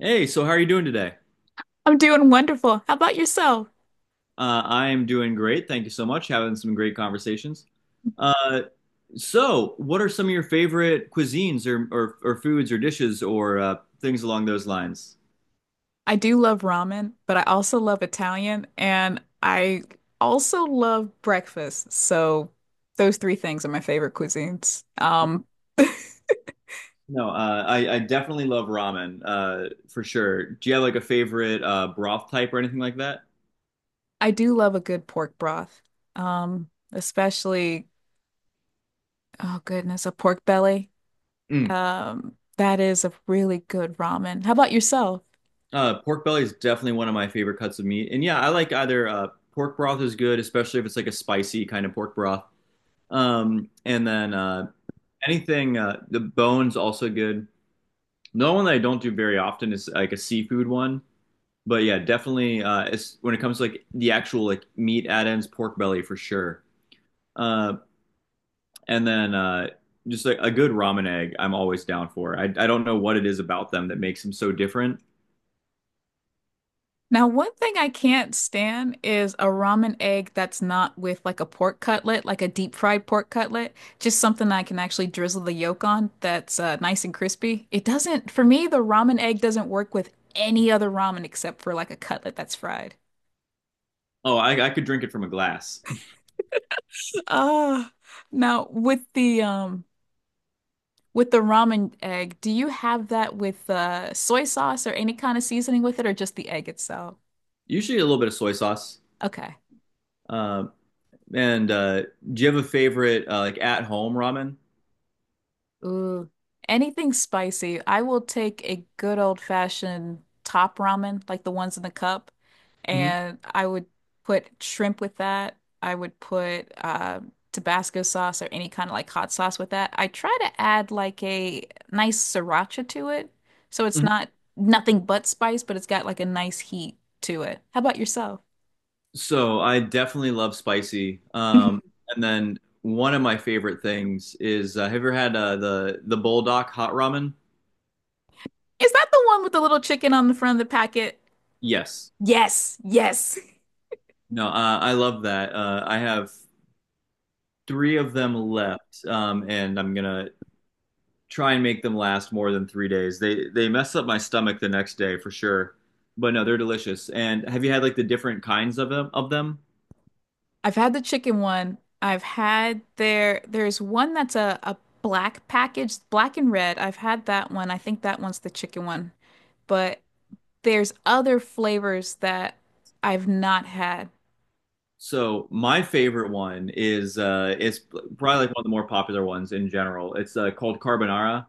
Hey, so how are you doing today? I'm doing wonderful. How about yourself? I am doing great. Thank you so much. Having some great conversations. Uh, so, what are some of your favorite cuisines or foods or dishes or things along those lines? I do love ramen, but I also love Italian and I also love breakfast. So those three things are my favorite cuisines. No, I definitely love ramen for sure. Do you have like a favorite broth type or anything like that? I do love a good pork broth. Especially, oh goodness, a pork belly. Mm. That is a really good ramen. How about yourself? Pork belly is definitely one of my favorite cuts of meat. And yeah, I like either pork broth is good, especially if it's like a spicy kind of pork broth. And then Anything, the bones also good. No one that I don't do very often is like a seafood one, but yeah, definitely. It's when it comes to like the actual like meat add-ins, pork belly for sure. Uh, and then Just like a good ramen egg, I'm always down for. I don't know what it is about them that makes them so different. Now, one thing I can't stand is a ramen egg that's not with like a pork cutlet, like a deep fried pork cutlet, just something I can actually drizzle the yolk on that's nice and crispy. It doesn't, for me, the ramen egg doesn't work with any other ramen except for like a cutlet that's fried. Oh, I could drink it from a glass. Ah, now with the with the ramen egg, do you have that with soy sauce or any kind of seasoning with it or just the egg itself? Usually a little bit of soy sauce. Okay. Uh, and do you have a favorite like at home ramen? Ooh, anything spicy. I will take a good old fashioned top ramen, like the ones in the cup, Mhm. and I would put shrimp with that. I would put Tabasco sauce or any kind of like hot sauce with that. I try to add like a nice sriracha to it, so it's not nothing but spice, but it's got like a nice heat to it. How about yourself? So I definitely love spicy. Mhm. And then one of my favorite things is have you ever had the Bulldog hot ramen? Is that the one with the little chicken on the front of the packet? Yes. Yes, yes. No, I love that. I have three of them left, and I'm gonna try and make them last more than 3 days. They mess up my stomach the next day for sure. But no, they're delicious. And have you had like the different kinds of them? I've had the chicken one. I've had their There's one that's a black package, black and red. I've had that one. I think that one's the chicken one. But there's other flavors that I've not had. So my favorite one is it's probably like one of the more popular ones in general. It's called carbonara,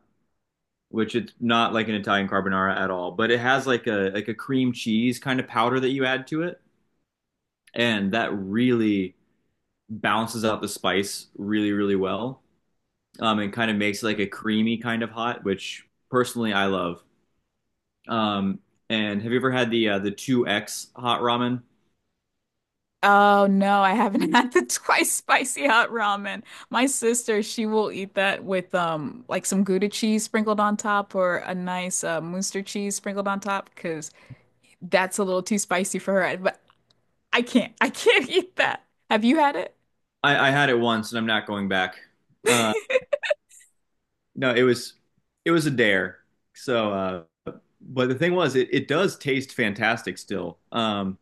which it's not like an Italian carbonara at all, but it has like a cream cheese kind of powder that you add to it, and that really balances out the spice really, really well. And kind of makes like a creamy kind of hot, which personally I love. Um, and have you ever had the two X hot ramen? Oh no, I haven't had the twice spicy hot ramen. My sister, she will eat that with like some Gouda cheese sprinkled on top or a nice Munster cheese sprinkled on top because that's a little too spicy for her. But I can't eat that. Have you had it? I had it once, and I'm not going back. Uh, no, it was a dare. So, but the thing was, it does taste fantastic still.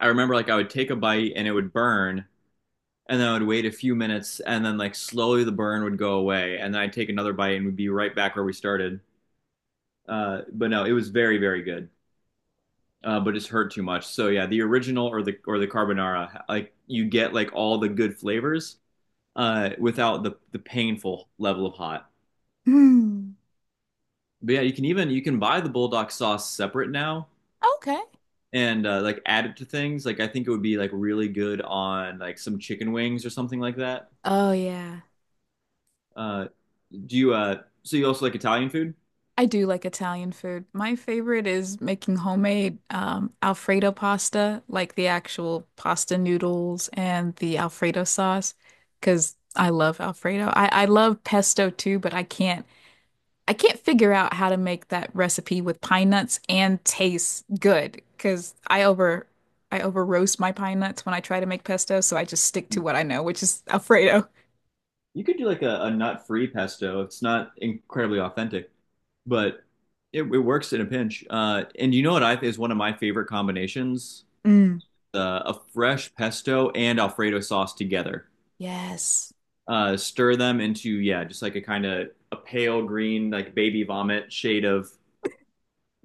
I remember like I would take a bite and it would burn, and then I would wait a few minutes, and then like slowly the burn would go away, and then I'd take another bite and we'd be right back where we started. But no, it was very very good, but it's hurt too much. So yeah, the original or the carbonara, like you get like all the good flavors without the painful level of hot. Mm. But yeah, you can buy the bulldog sauce separate now Okay. and like add it to things. Like I think it would be like really good on like some chicken wings or something like that. Oh yeah. Uh, Do you so you also like Italian food? I do like Italian food. My favorite is making homemade Alfredo pasta, like the actual pasta noodles and the Alfredo sauce, because I love Alfredo. I love pesto too, but I can't figure out how to make that recipe with pine nuts and taste good, because I over roast my pine nuts when I try to make pesto, so I just stick to what I know, which is Alfredo. You could do like a nut-free pesto. It's not incredibly authentic, but it works in a pinch. And you know what I is one of my favorite combinations? Mm. A fresh pesto and Alfredo sauce together. Yes. Stir them into, yeah, just like a kind of a pale green, like baby vomit shade of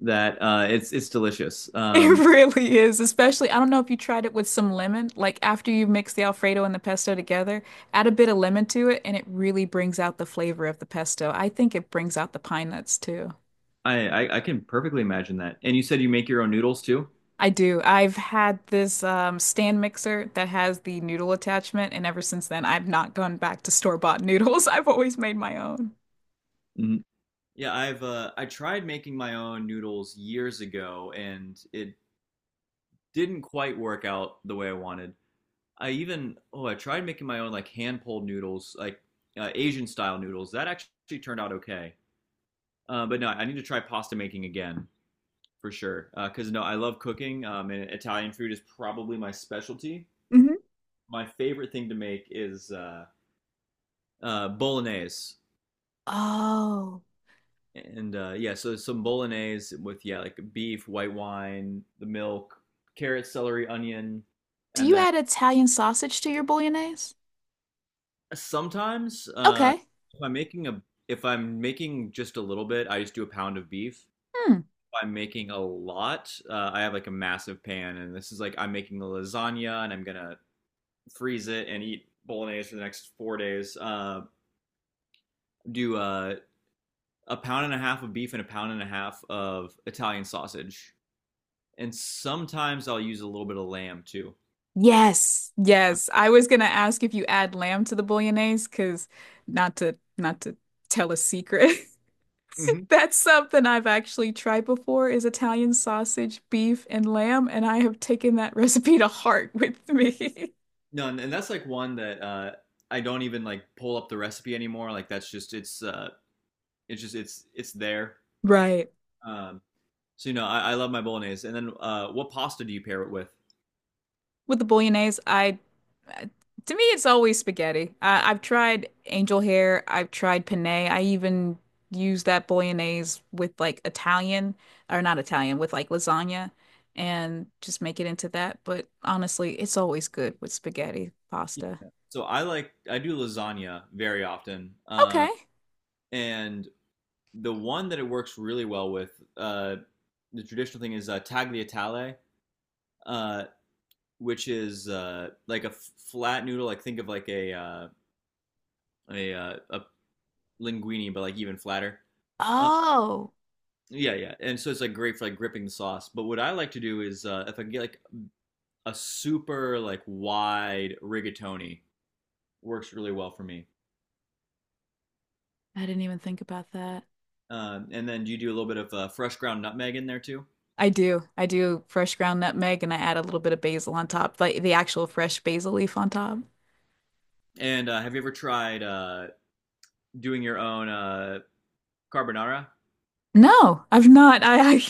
that. It's delicious. It Um, really is, especially I don't know if you tried it with some lemon, like after you mix the Alfredo and the pesto together, add a bit of lemon to it and it really brings out the flavor of the pesto. I think it brings out the pine nuts too. I, I I can perfectly imagine that. And you said you make your own noodles too? I do. I've had this stand mixer that has the noodle attachment, and ever since then, I've not gone back to store-bought noodles. I've always made my own. Mm-hmm. Yeah, I tried making my own noodles years ago, and it didn't quite work out the way I wanted. I tried making my own like hand pulled noodles, like Asian style noodles. That actually turned out okay. But no, I need to try pasta making again for sure. Because no, I love cooking, and Italian food is probably my specialty. Mhm. My favorite thing to make is bolognese. Oh, And yeah, so some bolognese with, yeah, like beef, white wine, the milk, carrot, celery, onion, do and you then add Italian sausage to your bolognese? sometimes Okay. if I'm making a if I'm making just a little bit, I just do a pound of beef. Hmm. If I'm making a lot, I have like a massive pan, and this is like I'm making a lasagna, and I'm gonna freeze it and eat bolognese for the next 4 days. Do A pound and a half of beef and a pound and a half of Italian sausage and sometimes I'll use a little bit of lamb too. Yes. Yes. I was gonna ask if you add lamb to the bolognese, because not to tell a secret. Mm-hmm. That's something I've actually tried before is Italian sausage, beef, and lamb, and I have taken that recipe to heart with me. No, and that's like one that I don't even like pull up the recipe anymore. Like that's just it's just it's there. Right. Um, so you know, I love my bolognese. And then what pasta do you pair it with? With the bolognese, I uh, to me it's always spaghetti. I've tried angel hair, I've tried penne. I even use that bolognese with like Italian or not Italian with like lasagna and just make it into that. But honestly, it's always good with spaghetti pasta. Yeah. So I do lasagna very often, Okay. and the one that it works really well with uh, the traditional thing is tagliatelle, uh, which is like a flat noodle. Like think of like a linguine, but like even flatter. Uh, Oh, yeah, yeah. And so it's like great for like gripping the sauce. But what I like to do is if I can get like a super like wide rigatoni, works really well for me. I didn't even think about that. And then you do a little bit of fresh ground nutmeg in there too. I do. I do fresh ground nutmeg and I add a little bit of basil on top, like the actual fresh basil leaf on top. And have you ever tried doing your own carbonara? No, I've not. I,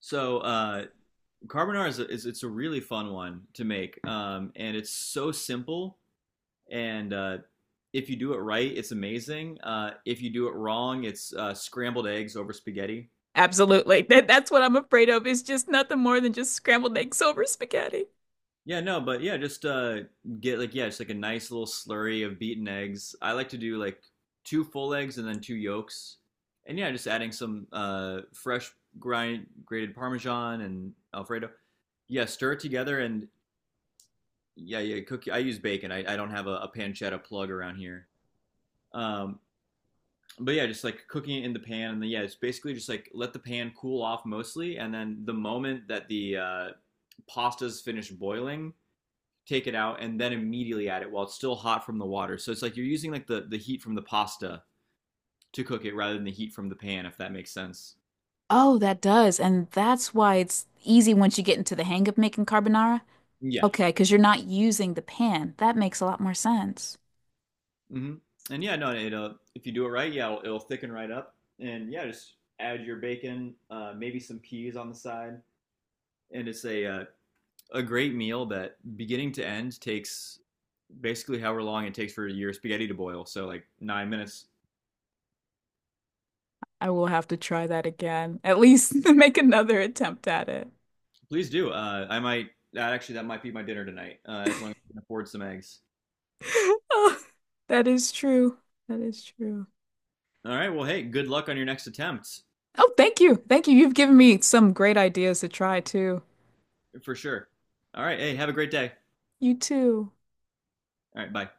So carbonara is, a, is it's a really fun one to make, and it's so simple and if you do it right, it's amazing. If you do it wrong, it's scrambled eggs over spaghetti. Absolutely. That's what I'm afraid of is just nothing more than just scrambled eggs over spaghetti. Yeah, no, but yeah, just get like, yeah, just like a nice little slurry of beaten eggs. I like to do like two full eggs and then two yolks, and yeah, just adding some fresh grind grated Parmesan and Alfredo. Yeah, stir it together and yeah, yeah, cook. I use bacon. I don't have a pancetta plug around here. Um, but yeah, just like cooking it in the pan, and then yeah, it's basically just like let the pan cool off mostly, and then the moment that the pasta's finished boiling, take it out, and then immediately add it while it's still hot from the water. So it's like you're using like the heat from the pasta to cook it rather than the heat from the pan, if that makes sense. Oh, that does. And that's why it's easy once you get into the hang of making carbonara. Yeah. Okay, because you're not using the pan. That makes a lot more sense. Hmm. And yeah, no, it'll if you do it right, yeah, it'll thicken right up, and yeah, just add your bacon, maybe some peas on the side, and it's a great meal that beginning to end takes basically however long it takes for your spaghetti to boil. So like 9 minutes. I will have to try that again. At least make another attempt at it. Please do. I might that actually that might be my dinner tonight. As long as I can afford some eggs. Oh, that is true. That is true. All right. Well, hey, good luck on your next attempt Oh, thank you. Thank you. You've given me some great ideas to try too. for sure. All right. Hey, have a great day. You too. All right. Bye.